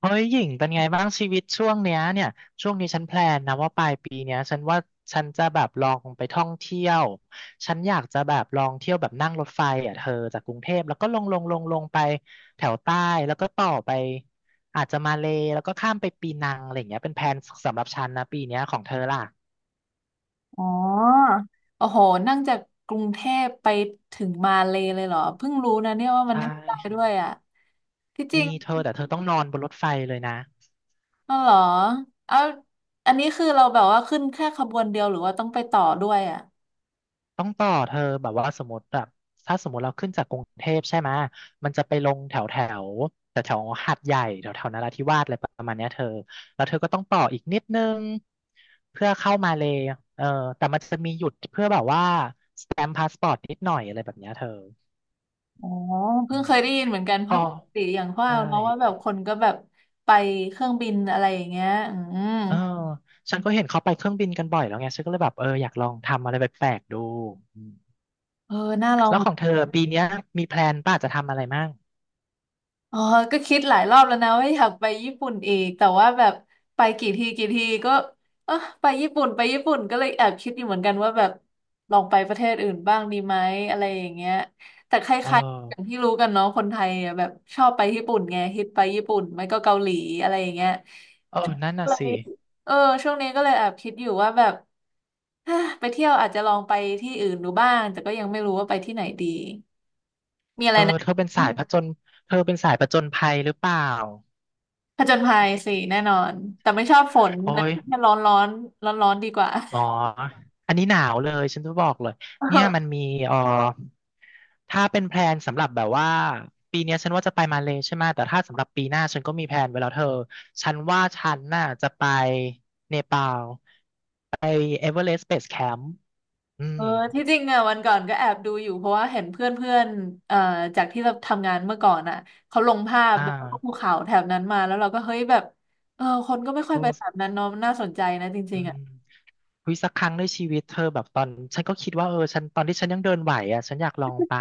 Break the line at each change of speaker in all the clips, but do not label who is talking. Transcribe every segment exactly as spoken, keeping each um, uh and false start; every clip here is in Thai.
เฮ้ยหญิงเป็นไงบ้างชีวิตช่วงเนี้ยเนี่ยช่วงนี้ฉันแพลนนะว่าปลายปีเนี้ยฉันว่าฉันจะแบบลองไปท่องเที่ยวฉันอยากจะแบบลองเที่ยวแบบนั่งรถไฟอ่ะเธอจากกรุงเทพแล้วก็ลงลงลงลงไปแถวใต้แล้วก็ต่อไปอาจจะมาเลย์แล้วก็ข้ามไปปีนังอะไรอย่างเงี้ยเป็นแพลนสำหรับฉันนะปีเนี้ยของเธอล่ะ
อ๋อโอ้โหนั่งจากกรุงเทพไปถึงมาเลยเลยเหรอเพิ่งรู้นะเนี่ยว่า
ใช
มันทำได้
่
ด้วยอ่ะที่จ
มี
ริง
เธอแต่เธอต้องนอนบนรถไฟเลยนะ
อ๋อเหรอเอาอันนี้คือเราแบบว่าขึ้นแค่ขบวนเดียวหรือว่าต้องไปต่อด้วยอ่ะ
ต้องต่อเธอแบบว่าสมมติแบบถ้าสมมติเราขึ้นจากกรุงเทพใช่ไหมยมันจะไปลงแถวแถวแต่แถวๆหาดใหญ่แถวแถวนราธิวาสอะไรประมาณเนี้ยเธอแล้วเธอก็ต้องต่ออีกนิดนึงเพื่อเข้ามาเลยเออแต่มันจะมีหยุดเพื่อแบบว่าสแตมพาสปอร์ตนิดหน่อยอะไรแบบเนี้ยเธอ
อ๋อ
อื
เพิ่ง
ม
เคยได้ยินเหมือนกันเพ
อ๋อ
ราะปกติอย่างว่า
ใช่
เนาะว่าแบบคนก็แบบไปเครื่องบินอะไรอย่างเงี้ยอืม
เออฉันก็เห็นเขาไปเครื่องบินกันบ่อยแล้วไงฉันก็เลยแบบเอออยากลองทำอะไรแปลกๆดูอืม
เออน่าลอง
แล้ว
เหมื
ข
อ
อ
น
งเธอปีเนี้ยมีแพลนป่ะจะทำอะไรมั่ง
อ๋อก็คิดหลายรอบแล้วนะว่าอยากไปญี่ปุ่นอีกแต่ว่าแบบไปกี่ทีกี่ทีก็เออไปญี่ปุ่นไปญี่ปุ่นก็เลยแอบคิดอยู่เหมือนกันว่าแบบลองไปประเทศอื่นบ้างดีไหมอะไรอย่างเงี้ยแต่ค
เอ
ล้ายๆอย่าง
อ
ที่รู้กันเนาะคนไทยอะแบบชอบไปญี่ปุ่นไงฮิตไปญี่ปุ่นไม่ก็เกาหลีอะไรอย่างเงี้ย
เออนั่น
ก็
น่ะ
เล
สิ
ยเออช่วงนี้ก็เลยแอบคิดอยู่ว่าแบบ ฮะไปเที่ยวอาจจะลองไปที่อื่นดูบ้างแต่ก็ยังไม่รู้ว่าไปที่ไหนดีมีอะ
เอ
ไร
อ
นะ
เธอเป็นสายผจญเธอเป็นสายผจญภัยหรือเปล่า
ผจญภัยสิแน่นอนแต่ไม่ชอบฝน
โอ้
นะ
ย
แค่ร้อนร้อนร้อนร้อนๆดีกว่า
อ๋ออันนี้หนาวเลยฉันจะบอกเลยเนี่ยมัน
เออ
มีเออถ้าเป็นแพลนสำหรับแบบว่าปีเนี้ยฉันว่าจะไปมาเลใช่ไหมแต่ถ้าสำหรับปีหน้าฉันก็มีแพลนไว้แล้วเธอฉันว่าฉันน่ะจะไปเนปาลไปเอเวอเรสต์เบสแคมป์อื
เอ
ม
อที่จริงอ่ะวันก่อนก็แอบดูอยู่เพราะว่าเห็นเพื่อนเพื่อนเอ่อจากที่เราทำงานเมื่อก่อนอ่ะเขาลงภาพ
อ่
แบบพวกภู
า
เขาแถบนั้นมาแล้วเราก็เฮ้ยแบบเออคนก็ไม่ค่อยไปแถบ
โอ้
นั้นเนาะน่าสนใจนะจ
อื
ริงๆ
ม
อ่ะ
วิสักครั้งในชีวิตเธอแบบตอนฉันก็คิดว่าเออฉันตอนที่ฉันยังเดินไหวอ่ะฉันอยากลองไป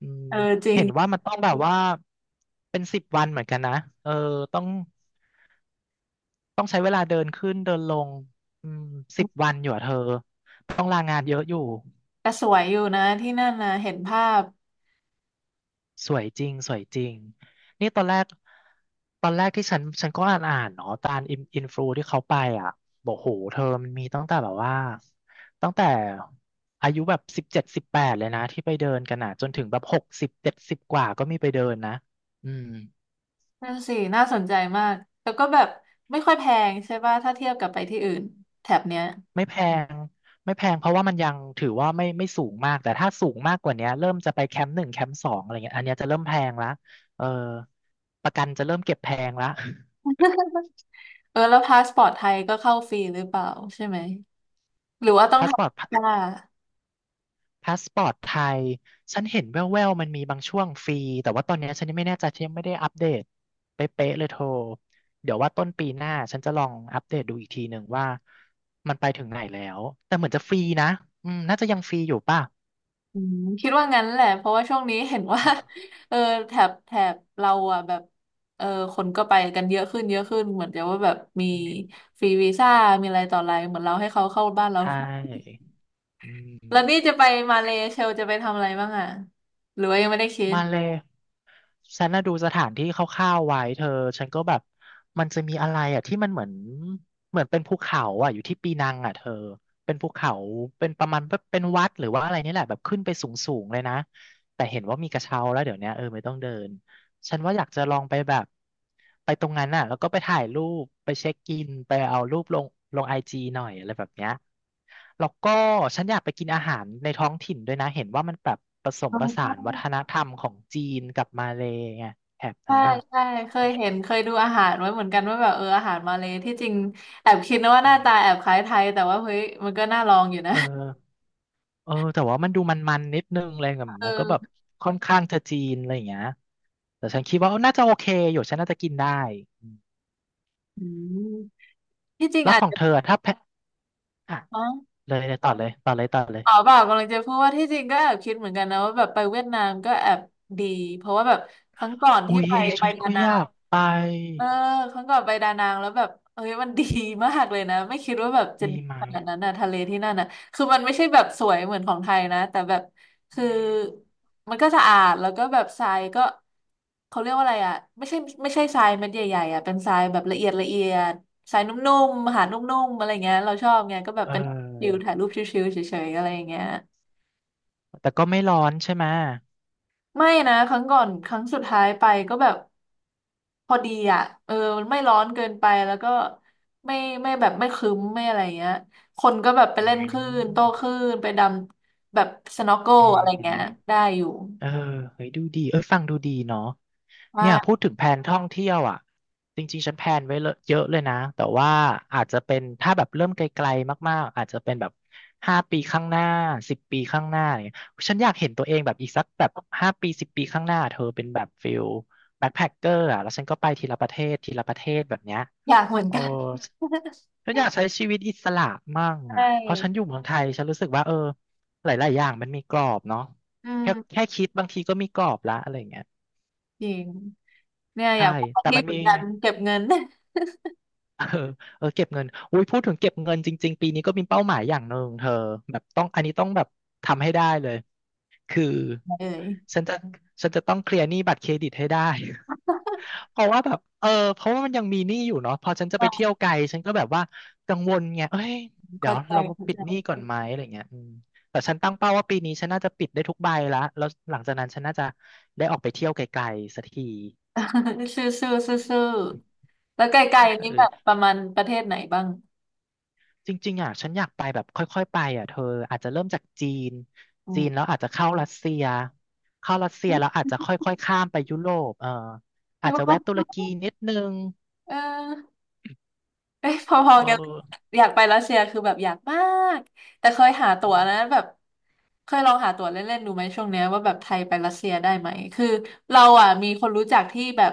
อืม
เออจริง
เห็นว่ามันต้องแบบว่าเป็นสิบวันเหมือนกันนะเออต้องต้องใช้เวลาเดินขึ้นเดินลงอืมสิบวันอยู่อะเธอต้องลางานเยอะอยู่
แต่สวยอยู่นะที่นั่นนะเห็นภาพ
สวยจริงสวยจริงนี่ตอนแรกตอนแรกที่ฉันฉันก็อ่านอ่านเนาะตามอินอินฟลูที่เขาไปอ่ะบอกโหเธอมันมีตั้งแต่แบบว่าตั้งแต่อายุแบบสิบเจ็ดสิบแปดเลยนะที่ไปเดินกันอ่ะจนถึงแบบหกสิบเจ็ดสิบกว่าก็มีไปเดินนะอืม
นั่นสิน่าสนใจมากแล้วก็แบบไม่ค่อยแพงใช่ป่ะถ้าเทียบกับไปที่อื่นแถบเนี้ย
ไม่แพงไม่แพงเพราะว่ามันยังถือว่าไม่ไม่สูงมากแต่ถ้าสูงมากกว่าเนี้ยเริ่มจะไปแคมป์หนึ่งแคมป์สองอะไรเงี้ยอันเนี้ยจะเริ่มแพงละเออประกันจะเริ่มเก็บแพงละ
เออแล้วพาสปอร์ตไทยก็เข้าฟรีหรือเปล่าใช่ไหมหรือว่า ต้อง
พา
ท
สปอร์
ำ
ต
วีซ่า
พาสปอร์ตไทย ฉันเห็นแว่วๆมันมีบางช่วงฟรีแต่ว่าตอนเนี้ยฉันยังไม่แน่ใจฉันยังไม่ได้อัปเดตเป๊ะๆเลยโทร เดี๋ยวว่าต้นปีหน้าฉันจะลองอัปเดตดูอีกทีหนึ่งว่ามันไปถึงไหนแล้ว แต่เหมือนจะฟรีนะอืมน่าจะยังฟรีอยู่ป่ะ
คิดว่างั้นแหละเพราะว่าช่วงนี้เห็นว่า
เออ
เออแถบแถบเราอ่ะแบบเออคนก็ไปกันเยอะขึ้นเยอะขึ้นเหมือนจะว่าแบบมีฟรีวีซ่ามีอะไรต่ออะไรเหมือนเราให้เขาเข้าบ้านเรา
ใช่อื
แล้วนี่
ม
จะไปมาเลเซียจะไปทำอะไรบ้างอ่ะหรือว่ายังไม่ได้คิด
มาเลย ฉันน่ะดูสถานที่คร่าวๆไว้เธอฉันก็แบบมันจะมีอะไรอ่ะที่มันเหมือนเหมือนเป็นภูเขาอ่ะอยู่ที่ปีนังอ่ะเธอเป็นภูเขาเป็นประมาณแบบเป็นวัดหรือว่าอะไรนี่แหละแบบขึ้นไปสูงๆเลยนะแต่เห็นว่ามีกระเช้าแล้วเดี๋ยวเนี้ยเออไม่ต้องเดิน ฉันว่าอยากจะลองไปแบบไปตรงนั้นน่ะแล้วก็ไปถ่ายรูปไปเช็คอินไปเอารูปลงลงไอจีหน่อยอะไรแบบเนี้ยแล้วก็ฉันอยากไปกินอาหารในท้องถิ่นด้วยนะเห็นว่ามันแบบผสม
อ๋
ผสา
อ
นวัฒนธรรมของจีนกับมาเลย์ไงแถบนั้
ใช่
นน่ะ
ใช่ใช่เค
ฉั
ย
น
เห็นเคยดูอาหารไว้เหมือนกันว่าแบบเอออาหารมาเลยที่จริงแอบคิดนะว่าหน้า
อื
ตาแอ
ม
บคล้ายไทยแต่ว่าเฮ้ยมันก็น่าลองอยู่นะ
เออเออแต่ว่ามันดูมันๆนิดนึงเลยแบบ
เ
มันก็แบบ
ออ
ค่อนข้างจะจีนอะไรอย่างเงี้ยแต่ฉันคิดว่าเออน่าจะโอเคอยู่ฉันน่าจะกินได้อืม
อืมที่จริง
แล้ว
อา
ข
จ
อง
จะ
เธอถ้าแพะอ่ะ
อ๋อ
เลยเลยต่อเลยต่อเลยต่อเลย
อ๋อเปล่ากำลังจะพูดว่าที่จริงก็แอบคิดเหมือนกันนะว่าแบบไปเวียดนามก็แอบดีเพราะว่าแบบครั้งก่อน
อุ๊
ที่
ย
ไป
อันนี้
ไป
ฉันก็
นานา
อยากไป
เออครั้งก่อนไปดานังแล้วแบบเอ้ยมันดีมากเลยนะไม่คิดว่าแบบจะ
ดี
ดี
ไหม
ขนาดนั้นนะทะเลที่นั่นนะคือมันไม่ใช่แบบสวยเหมือนของไทยนะแต่แบบ
อื
คือ
ม
มันก็สะอาดแล้วก็แบบทรายก็เขาเรียกว่าอะไรอ่ะไม่ใช่ไม่ใช่ทรายเม็ดใหญ่ๆอ่ะเป็นทรายแบบละเอียดละเอียดทรายนุ่มๆหาดนุ่มๆอะไรเงี้ยเราชอบไงก็แบบ
เ
เป็นวิล
ออ
ถ่ายรูปชิลๆเฉยๆอะไรอย่างเงี้ย
แต่ก็ไม่ร้อนใช่ไหม
ไม่นะครั้งก่อนครั้งสุดท้ายไปก็แบบ พอดีอ่ะเออมันไม่ร้อนเกินไปแล้วก็ไม่ไม่แบบไม่ครึ้มไม่อะไรเงี้ยคนก็แบบไป
อื
เล่นคลื่น
ม
โต้คลื่นไปดำแบบสน็อกเกิล
อื
อะไรเงี้
ม
ยได้อยู่
เออเฮ้ยดูดีเอ้ยฟังดูดีเนาะเนี่ยพู
ว่า
ดถึงแผนท่องเที่ยวอ่ะจริงๆฉันแพลนไว้เลอะเยอะเลยนะ แต่ว่าอาจจะเป็นถ้าแบบเริ่มไกลๆมากๆ อาจจะเป็นแบบห้าปีข้างหน้าสิบปีข้างหน้าเนี่ยฉันอยากเห็นตัวเองแบบอีกสักแบบห้าปีสิบปีข้างหน้าเธอเป็นแบบฟิลแบ็คแพคเกอร์อ่ะแล้วฉันก็ไปทีละประเทศทีละประเทศแบบเนี้ย
อยากเหมือน
โอ้
กัน
ฉันอยากใช้ชีวิตอิสระมั่ง
ใช
อ่ะเพราะฉันอยู่
่
เมืองไทยฉันรู้สึกว่าเออหลายๆอย่างมันมีกรอบเนาะ
อื
แค่แค่
ม
คิดบางทีก็มีกรอบละอะไรอย่างเงี้ย
จริงเนี่ยอ
ใช่
ยากไป
แต่
ที่
มัน
เหมื
มี
อนกันเก็บเงิน
เออเออเก็บเงินอุ้ยพูดถึงเก็บเงินจริงๆปีนี้ก็มีเป้าหมายอย่างหนึ่งเธอแบบต้องอันนี้ต้องแบบทำให้ได้เลยคือ
เอ้ย
ฉันจะฉันจะต้องเคลียร์หนี้บัตรเครดิตให้ได้ เพราะว่าแบบเออเพราะว่ามันยังมีหนี้อยู่เนาะพอฉันจะไป
อ่า
เที่ยวไกลฉันก็แบบว่ากังวลไงเอ้ยเดี๋ย
เข้า
ว
ใจ
เรา
เข้า
ปิ
ใจ
ดหนี้ก่อนไหมอะไรเงี้ยอืมแต่ฉันตั้งเป้าว่าปีนี้ฉันน่าจะปิดได้ทุกใบละแล้วหลังจากนั้นฉันน่าจะได้ออกไปเที่ยวไกลๆสักที
ซื่อซื่อซื่อซื่อแล้วไกลๆนี้แบบ
เออ
ประมาณประเทศไหนบ้าง
จริงๆอ่ะฉันอยากไปแบบค่อยๆ ไปอ่ะเธออาจจะเริ่มจากจีน
อื
จีนแล้ว
ม
อาจจะเข้ารัสเซียเข้ารัสเซียแล้วอาจจะค่อยๆ ข้ามไปยุโรปเออ
ใช่
อาจจะแวะ
ปะ
ตุรกีนิดนึง
เออ เอ้ยพอ
เอ
ๆกันเลย
อ
อยากไปรัสเซียคือแบบอยากมากแต่เคยหาตั๋วนะแบบเคยลองหาตั๋วเล่นๆดูไหมช่วงเนี้ยว่าแบบไทยไปรัสเซียได้ไหมคือเราอ่ะมีคนรู้จักที่แบบ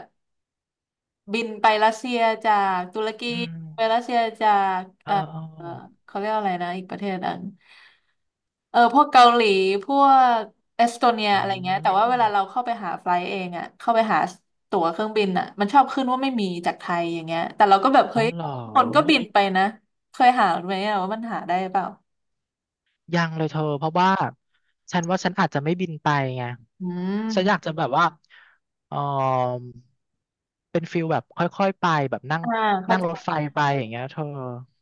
บินไปรัสเซียจากตุรกี
อืม
ไปรัสเซียจาก
เอ
เอ่
อ
อ
เอ
เอ่อ
อ
เขาเรียกอะไรนะอีกประเทศหนึงเออพวกเกาหลีพวกเอสโตเนีย
อื
อะไรเงี้ยแต่ว่าเวลาเรา
ม
เข้าไปหาไฟล์เองอ่ะเข้าไปหาตั๋วเครื่องบินอ่ะมันชอบขึ้นว่าไม่มีจากไทยอย่างเงี้ยแต่เราก็แบบ
อ๋
เฮ้
อ
ย
เหรอ
คนก็บินไปนะเคยหาไหมอะว่ามันหาได้เปล่า
ยังเลยเธอเพราะว่าฉันว่าฉันอาจจะไม่บินไปไง
อื
ฉันอยาก
ม
จะแบบว่าเออเป็นฟิลแบบค่อยๆไปแบบนั่ง
อ่าเข้า
นั่ง
ใจ
รถไฟไปอย่างเงี้ยเธอ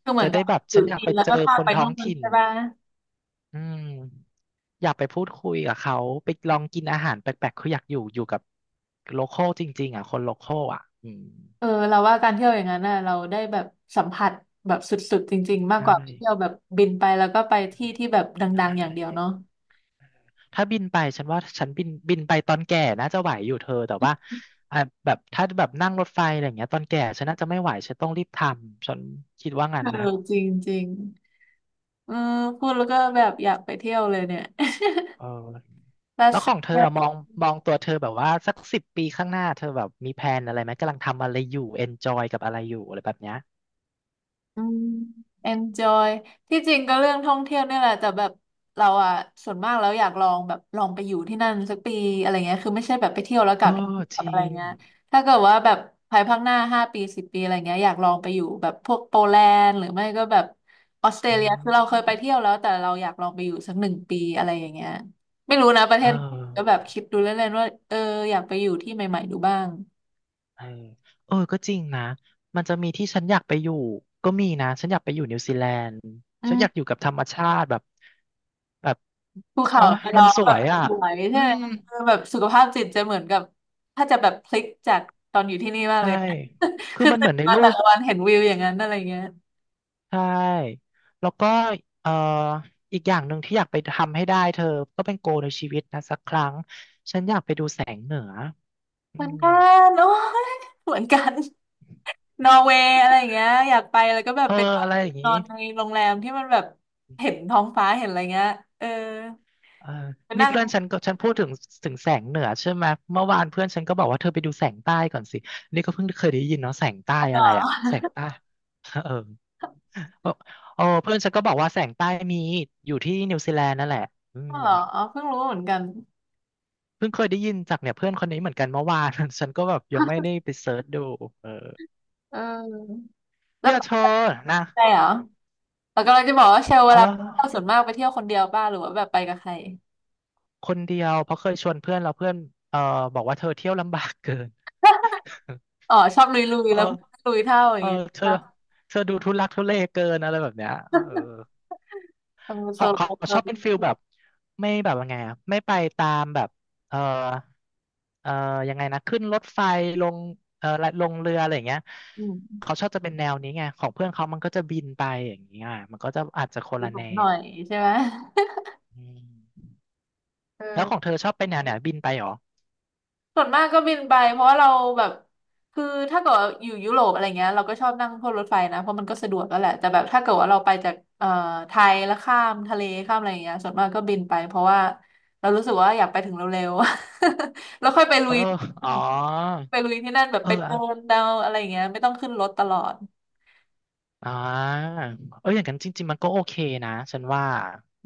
คือเหมื
จะ
อน
ได้
กับ
แบบ
อ
ฉั
ยู่
นอยาก
จี
ไป
นแล้ว
เจอ
ก็ข้า
ค
ม
น
ไป
ท้อ
นู่
ง
น
ถิ่น
ใช่ป่ะ
อืมอยากไปพูดคุยกับเขาไปลองกินอาหารแปลกๆคืออยากอยู่อยู่กับโลคอลจริงๆอ่ะคนโลคอลอ่ะอืม
เออเราว่าการเที่ยวอย่างนั้นน่ะเราได้แบบสัมผัสแบบสุดๆจริงๆมาก
ใช่
กว่าไปเที่ยวแบบบินไปแล้วก็ไปที่ที่แบบ
ใช
ดังๆอย่างเดียว
่
เนาะ
ถ้าบินไปฉันว่าฉันบินบินไปตอนแก่น่าจะไหวอยู่เธอแต่ว่าอ่ะแบบถ้าแบบนั่งรถไฟอะไรอย่างเงี้ยตอนแก่ฉันน่าจะไม่ไหวฉันต้องรีบทำฉันคิดว่างั้
เอ
น
อ
นะ
จริงๆเออพูดแล้วก็แบบอยากไปเที่ยวเลยเนี่ย
เออ
รัส
แล้ว
เซ
ของเธอ
ีย
อะมองมองตัวเธอแบบว่าสักสิบปีข้างหน้าเธอแบบมีแพลนอะไรไหมกำลังทำอะไรอยู่เอนจอยกับอะไรอยู่อะไรแบบเนี้ย
อืม enjoy ที่จริงก็เรื่องท่องเที่ยวเนี่ยแหละแต่แบบเราอ่ะส่วนมากแล้วอยากลองแบบลองไปอยู่ที่นั่นสักปีอะไรเงี้ยคือไม่ใช่แบบไปเที่ยวแล้วก
เออ
ลับ
จ
กับ
ริ
อะไร
ง
เงี้ยถ้าเกิดว่าแบบภายภาคหน้าห้าปีสิบปีอะไรเงี้ยอยากลองไปอยู่แบบพวกโปแลนด์หรือไม่ก็แบบออสเตร
อื
เลียคือเราเคยไป
ม
เที่ยวแล้วแต่เราอยากลองไปอยู่สักหนึ่งปีอะไรอย่างเงี้ยไม่รู้นะประเท
เออ
ศก็แบบคิดดูเล่นๆว่าเอออยากไปอยู่ที่ใหม่ๆดูบ้าง
เออเออก็จริงนะ มันจะมีที่ฉันอยากไปอยู่ ก็มีนะฉันอยากไปอยู่นิวซีแลนด์
อื
ฉันอยากอยู่กับธรรมชาติแบบแบบ
ภู
โอ้
เขา
ย
ไป
มั
ร้
น
อง
ส
แบ
ว
บ
ยอ่ะ
สวยใช่ไห
อื
ม
ม
คือแบบสุขภาพจิตจะเหมือนกับถ้าจะแบบพลิกจากตอนอยู่ที่นี่มาก
ใช่
เลย
คือ
คือ
มันเห
ตื่
มือ
น
นใน
มา
รู
แต่
ป
ละวันเห็นวิวอย่างนั้นอะไรเงี้ย
ใช่ แล้วก็เอ่ออีกอย่างหนึ่งที่อยากไปทำให้ได้เธอ ก็เป็นโกในชีวิตนะสักครั้ง ฉันอยากไปดูแสงเหนืออื
เหมือน
ม
กันโอ้ยเหมือนกันนอร์เวย์อะไรอย่างเงี้ยอยากไปแล้วก็แบบ
เออ
เป็น
อะไรอย่าง
น
นี้
อนในโรงแรมที่มันแบบเห็นท้องฟ้าเห็นอะไรเงี้ยเออ
เออ
ไป
นี่
นั่ง
เพื่อนฉันก็ฉันพูดถึงถึงแสงเหนือใช่ไหมเมื่อวานเพื่อนฉันก็บอกว่าเธอไปดูแสงใต้ก่อนสินี่ก็เพิ่งเคยได้ยินเนาะแสงใต้
เหร
อะไรอะ
อ
แสงใต้ เออโอ้เพื่อนฉันก็บอกว่าแสงใต้มีอยู่ที่นิวซีแลนด์นั่นแหละอืม
เหรอ อ๋อเพิ่งรู้เหมือนกัน
เพิ่งเคยได้ยินจากเนี่ยเพื่อนคนนี้เหมือนกันเมื่อวาน ฉันก็แบบยังไม่ได้ไปเซิร์ชดูเออ
เออแล้ว
เนี่ย
ไป
เธอ
กับ
นะ
ใครเหรอ เรากำลังจะบอกว่าเชลเว
อ๋
ลาไปเที่ยว
อ
ส่วนมากไปเที่ยวคนเดียวบ้างหรือว่าแบบไปกับใคร
คนเดียวเพราะเคยชวนเพื่อนแล้วเพื่อนเออบอกว่าเธอเที่ยวลำบากเกิน
อ๋อชอบลุยลุย
เออ
แล้ว ลุยเท่าอ
เอ
ย่าง
อ
เงี้ย
เธอ
ป่ะ
เธอดูทุลักทุเลเกินอะไรแบบเนี้ยเออ
ทำ
ข
โซ
องขอ
โล่
งช
เรา
อบเป็นฟิลแบบไม่แบบว่าไงอะไม่ไปตามแบบเออเออยังไงนะขึ้นรถไฟลงเออลงเรืออะไรอย่างเงี้ย
อื
เขา
ม
ชอบจะเป็นแนวนี้ไงของเพื่อนเขามันก็จะบินไปอย่างเงี้ยมันก็จะอาจจะคน
ดู
ละ
สู
แน
งหน่อ
ว
ยใช่ไหม
อืมแล้วของ
เออ
เธอชอบเป็นแนวไหนบินไปเหรอ
ส่วนมากก็บินไปเพราะว่าเราแบบคือถ้าเกิดว่าอยู่ยุโรปอะไรเงี้ยเราก็ชอบนั่งพวกรถไฟนะเพราะมันก็สะดวกแล้วแหละแต่แบบถ้าเกิดว่าเราไปจากเอ่อไทยแล้วข้ามทะเลข้ามอะไรเงี้ยส่วนมากก็บินไปเพราะว่าเรารู้สึกว่าอยากไปถึงเร็วๆ แล้วค่อยไปลุ
เออ
ย
อ๋อ
ไปลุยที่นั่นแบบ
เออ
ไปเดินเดาอะไรอย่างเงี้ยไม่ต้องขึ้นรถตลอด
อ่าเอออย่างนั้นจริงๆมันก็โอเคนะ ฉันว่า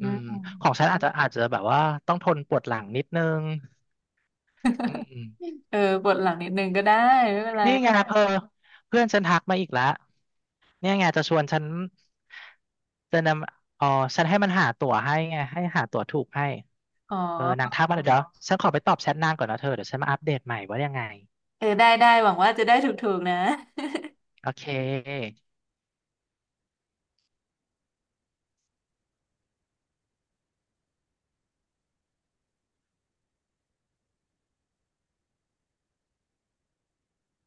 อื
ืมของ
ม
ฉันอาจจะอาจจะแบบว่าต้องทนปวดหลังนิดนึงอืม
เออปวดหลังนิดนึงก็ได้ไม่เป็นไร
นี่ไงเพอเพื่อนฉันทักมาอีกแล้วเนี่ยไงจะชวนฉันจะนำอ๋อฉันให้มันหาตั๋วให้ไงให้หาตั๋วถูกให้
อ๋
เออนาง
อ
ทักมาเดี๋ยวฉันขอไปตอบแชทนางก่อนนะเธอเดี๋ยวฉันมาอัปเดตใหม่ว่ายังไง
เออได้ได้หวังว่าจะได้ถูกๆนะ
โอเค